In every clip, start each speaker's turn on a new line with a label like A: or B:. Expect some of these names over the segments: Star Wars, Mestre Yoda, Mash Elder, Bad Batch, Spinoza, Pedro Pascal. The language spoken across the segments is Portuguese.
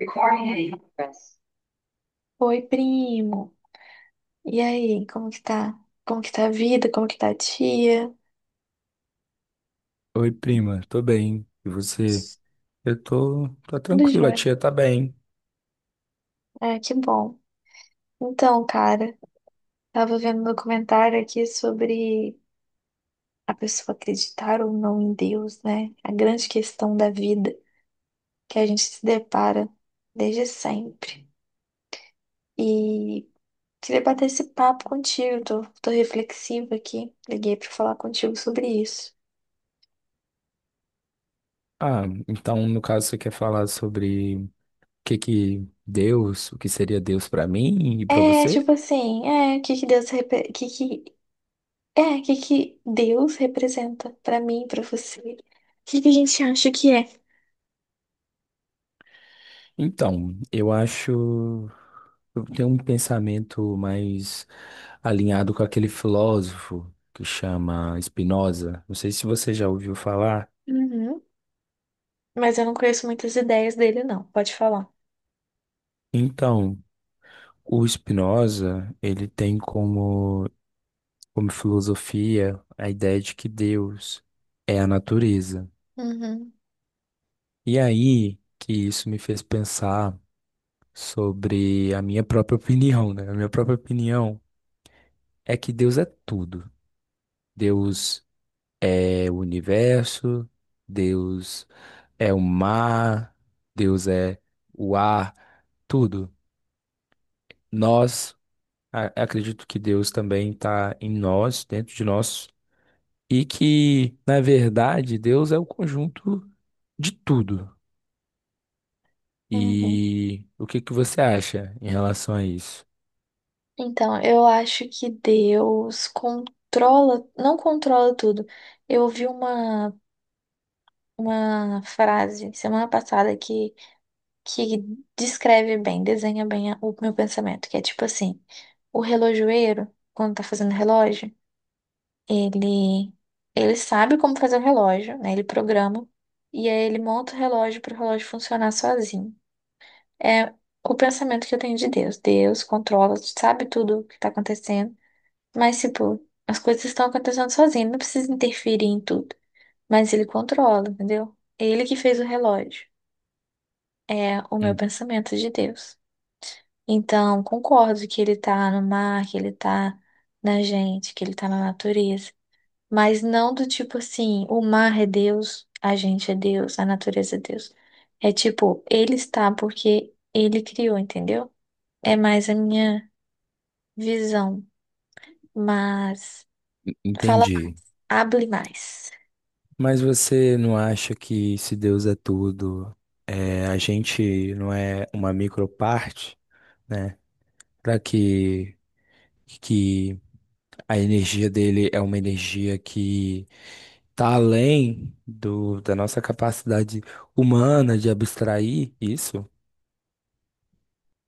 A: Recording in progress. Oi, primo. E aí, como que tá? Como que tá a vida? Como que tá a tia?
B: Oi, prima, tô bem. E você? Eu tô
A: Tudo
B: tranquilo, a
A: jóia.
B: tia tá bem.
A: É, que bom. Então, cara, tava vendo um documentário aqui sobre a pessoa acreditar ou não em Deus, né? A grande questão da vida que a gente se depara desde sempre. E queria bater esse papo contigo, tô, reflexiva aqui. Liguei pra falar contigo sobre isso.
B: Ah, então no caso você quer falar sobre o que que Deus, o que seria Deus pra mim e pra
A: É,
B: você?
A: tipo assim, é, o que que Deus, repe- o que que é, o que que Deus representa pra mim, pra você? O que que a gente acha que é?
B: Então, eu tenho um pensamento mais alinhado com aquele filósofo que chama Spinoza. Não sei se você já ouviu falar.
A: Uhum. Mas eu não conheço muitas ideias dele, não. Pode falar.
B: Então, o Spinoza, ele tem como filosofia, a ideia de que Deus é a natureza.
A: Uhum.
B: E aí que isso me fez pensar sobre a minha própria opinião, né? A minha própria opinião é que Deus é tudo. Deus é o universo, Deus é o mar, Deus é o ar, tudo. Nós, acredito que Deus também está em nós, dentro de nós, e que, na verdade, Deus é o conjunto de tudo.
A: Uhum.
B: E o que que você acha em relação a isso?
A: Então, eu acho que Deus controla, não controla tudo. Eu ouvi uma, frase semana passada que descreve bem, desenha bem o meu pensamento, que é tipo assim, o relojoeiro, quando tá fazendo relógio, ele, sabe como fazer o relógio, né? Ele programa e aí ele monta o relógio para o relógio funcionar sozinho. É o pensamento que eu tenho de Deus. Deus controla, sabe tudo o que está acontecendo, mas tipo, as coisas estão acontecendo sozinho, ele não precisa interferir em tudo, mas ele controla, entendeu? Ele que fez o relógio. É o meu
B: En-
A: pensamento de Deus. Então, concordo que ele tá no mar, que ele tá na gente, que ele tá na natureza. Mas não do tipo assim, o mar é Deus, a gente é Deus, a natureza é Deus. É tipo, ele está porque ele criou, entendeu? É mais a minha visão. Mas fala mais,
B: Entendi.
A: abre mais.
B: Mas você não acha que se Deus é tudo, é, a gente não é uma microparte, né? Para que a energia dele é uma energia que tá além do, da nossa capacidade humana de abstrair isso?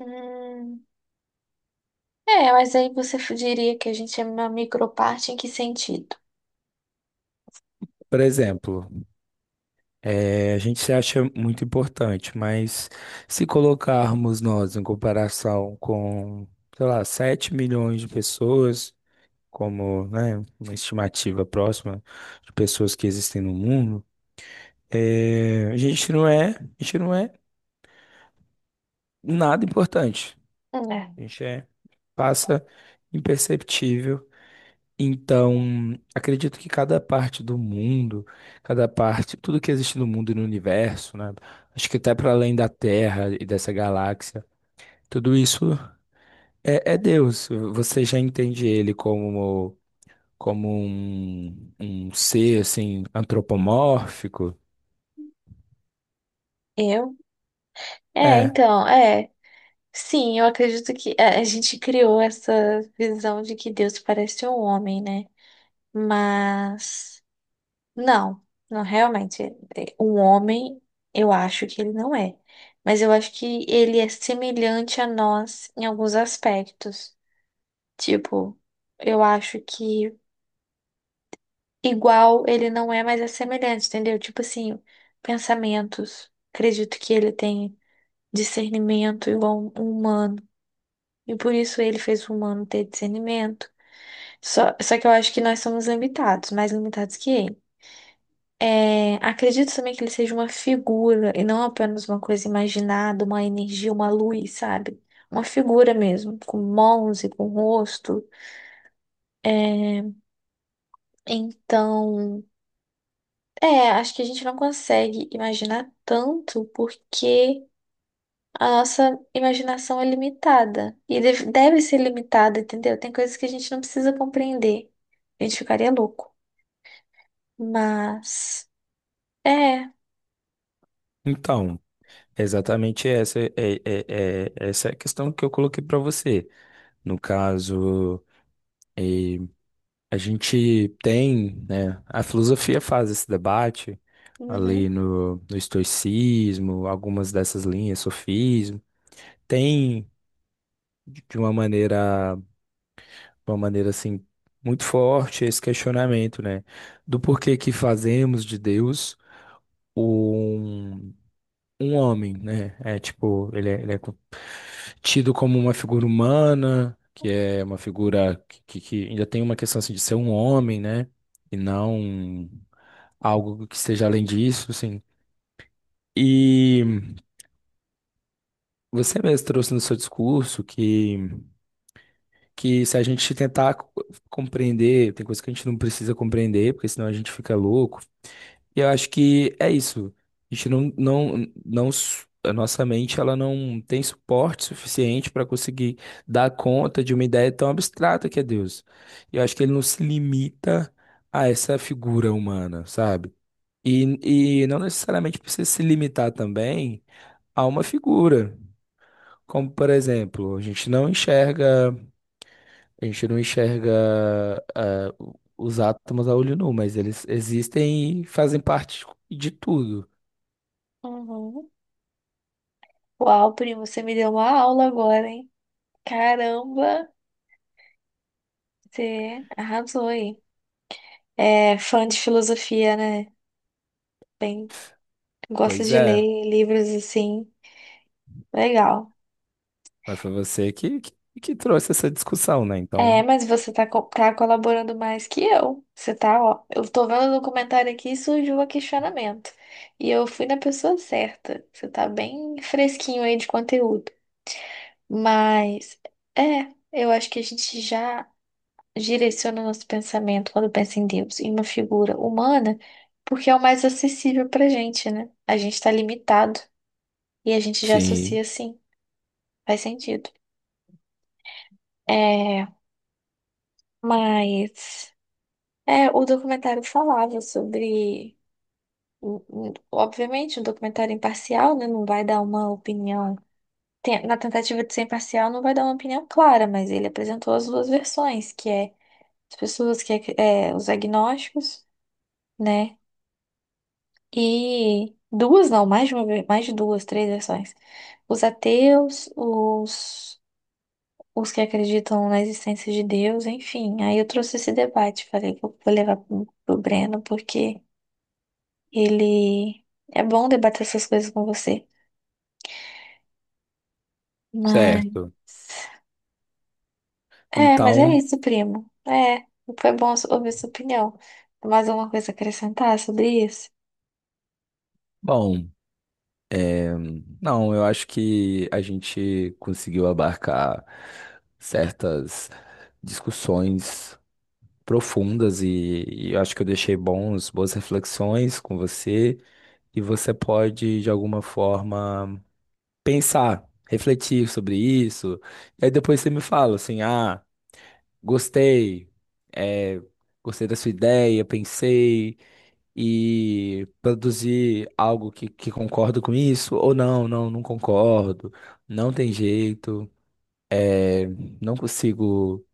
A: Hum, é, mas aí você diria que a gente é uma microparte em que sentido?
B: Por exemplo, é, a gente se acha muito importante, mas se colocarmos nós em comparação com, sei lá, 7 milhões de pessoas, como, né, uma estimativa próxima de pessoas que existem no mundo, é, a gente não é nada importante.
A: É.
B: A gente é, passa imperceptível. Então, acredito que cada parte do mundo, cada parte, tudo que existe no mundo e no universo, né? Acho que até para além da Terra e dessa galáxia, tudo isso é Deus. Você já entende ele como, como um ser assim antropomórfico?
A: Eu? É,
B: É.
A: então, é. Sim, eu acredito que é, a gente criou essa visão de que Deus parece um homem, né? Mas não, não realmente. É, um homem, eu acho que ele não é. Mas eu acho que ele é semelhante a nós em alguns aspectos. Tipo, eu acho que igual ele não é, mas é semelhante, entendeu? Tipo assim, pensamentos. Acredito que ele tem discernimento igual um humano. E por isso ele fez o humano ter discernimento. Só, que eu acho que nós somos limitados, mais limitados que ele. É, acredito também que ele seja uma figura e não apenas uma coisa imaginada, uma energia, uma luz, sabe? Uma figura mesmo, com mãos e com rosto. É, então, é, acho que a gente não consegue imaginar tanto porque a nossa imaginação é limitada e deve ser limitada, entendeu? Tem coisas que a gente não precisa compreender. A gente ficaria louco. Mas, é.
B: Então, exatamente essa é a questão que eu coloquei para você. No caso, a gente tem, né, a filosofia faz esse debate ali
A: Uhum,
B: no, no estoicismo, algumas dessas linhas, sofismo, tem de uma maneira, de uma maneira assim muito forte esse questionamento, né, do porquê que fazemos de Deus um homem, né? É tipo, ele é tido como uma figura humana, que é uma figura que ainda tem uma questão assim, de ser um homem, né? E não algo que seja além disso, assim. E você mesmo trouxe no seu discurso que se a gente tentar compreender, tem coisa que a gente não precisa compreender, porque senão a gente fica louco. E eu acho que é isso. A gente não, não, não, s- a nossa mente ela não tem suporte suficiente para conseguir dar conta de uma ideia tão abstrata que é Deus. E eu acho que ele não se limita a essa figura humana, sabe? E não necessariamente precisa se limitar também a uma figura. Como, por exemplo, a gente não enxerga os átomos a olho nu, mas eles existem e fazem parte de tudo.
A: uhum. Uau, primo, você me deu uma aula agora, hein? Caramba, você arrasou aí. É fã de filosofia, né? Bem, gosta
B: Pois
A: de ler
B: é,
A: livros assim. Legal.
B: mas foi você que trouxe essa discussão, né?
A: É,
B: Então,
A: mas você tá, tá colaborando mais que eu. Você tá, ó. Eu tô vendo no comentário aqui e surgiu um questionamento. E eu fui na pessoa certa. Você tá bem fresquinho aí de conteúdo. Mas, é, eu acho que a gente já direciona nosso pensamento quando pensa em Deus, em uma figura humana, porque é o mais acessível pra gente, né? A gente tá limitado e a gente já
B: sim,
A: associa assim. Faz sentido. É, mas é, o documentário falava sobre, o- obviamente, um documentário imparcial, né? Não vai dar uma opinião. Na tentativa de ser imparcial, não vai dar uma opinião clara, mas ele apresentou as duas versões, que é as pessoas que é, é, os agnósticos, né? E duas, não, mais de uma, mais de duas, três versões. Os ateus, os que acreditam na existência de Deus, enfim. Aí eu trouxe esse debate, falei que eu vou levar pro Breno, porque ele é bom debater essas coisas com você. Mas
B: certo.
A: mas é
B: Então,
A: isso, primo. É, foi bom ouvir sua opinião. Mais alguma coisa a acrescentar sobre isso?
B: bom, é, não, eu acho que a gente conseguiu abarcar certas discussões profundas e eu acho que eu deixei boas reflexões com você e você pode, de alguma forma, pensar, refletir sobre isso. E aí depois você me fala assim, ah. Gostei, é, gostei da sua ideia, pensei e produzi algo que concordo com isso, ou não, não concordo, não tem jeito, é, não consigo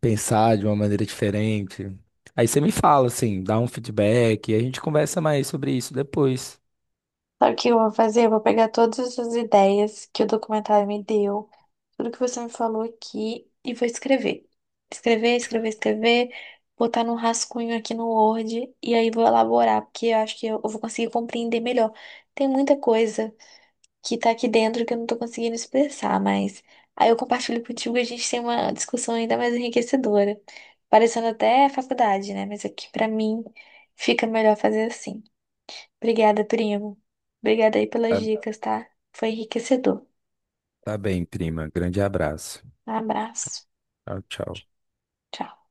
B: pensar de uma maneira diferente. Aí você me fala, assim, dá um feedback e a gente conversa mais sobre isso depois.
A: Sabe o que eu vou fazer? Eu vou pegar todas essas ideias que o documentário me deu, tudo que você me falou aqui, e vou escrever. Escrever, escrever, escrever, botar num rascunho aqui no Word, e aí vou elaborar, porque eu acho que eu vou conseguir compreender melhor. Tem muita coisa que tá aqui dentro que eu não tô conseguindo expressar, mas aí eu compartilho contigo e a gente tem uma discussão ainda mais enriquecedora. Parecendo até faculdade, né? Mas aqui, pra mim, fica melhor fazer assim. Obrigada, primo. Obrigada aí pelas
B: Tá,
A: dicas, tá? Foi enriquecedor.
B: tá bem, prima. Grande abraço.
A: Um abraço.
B: Tchau, tchau.
A: Tchau.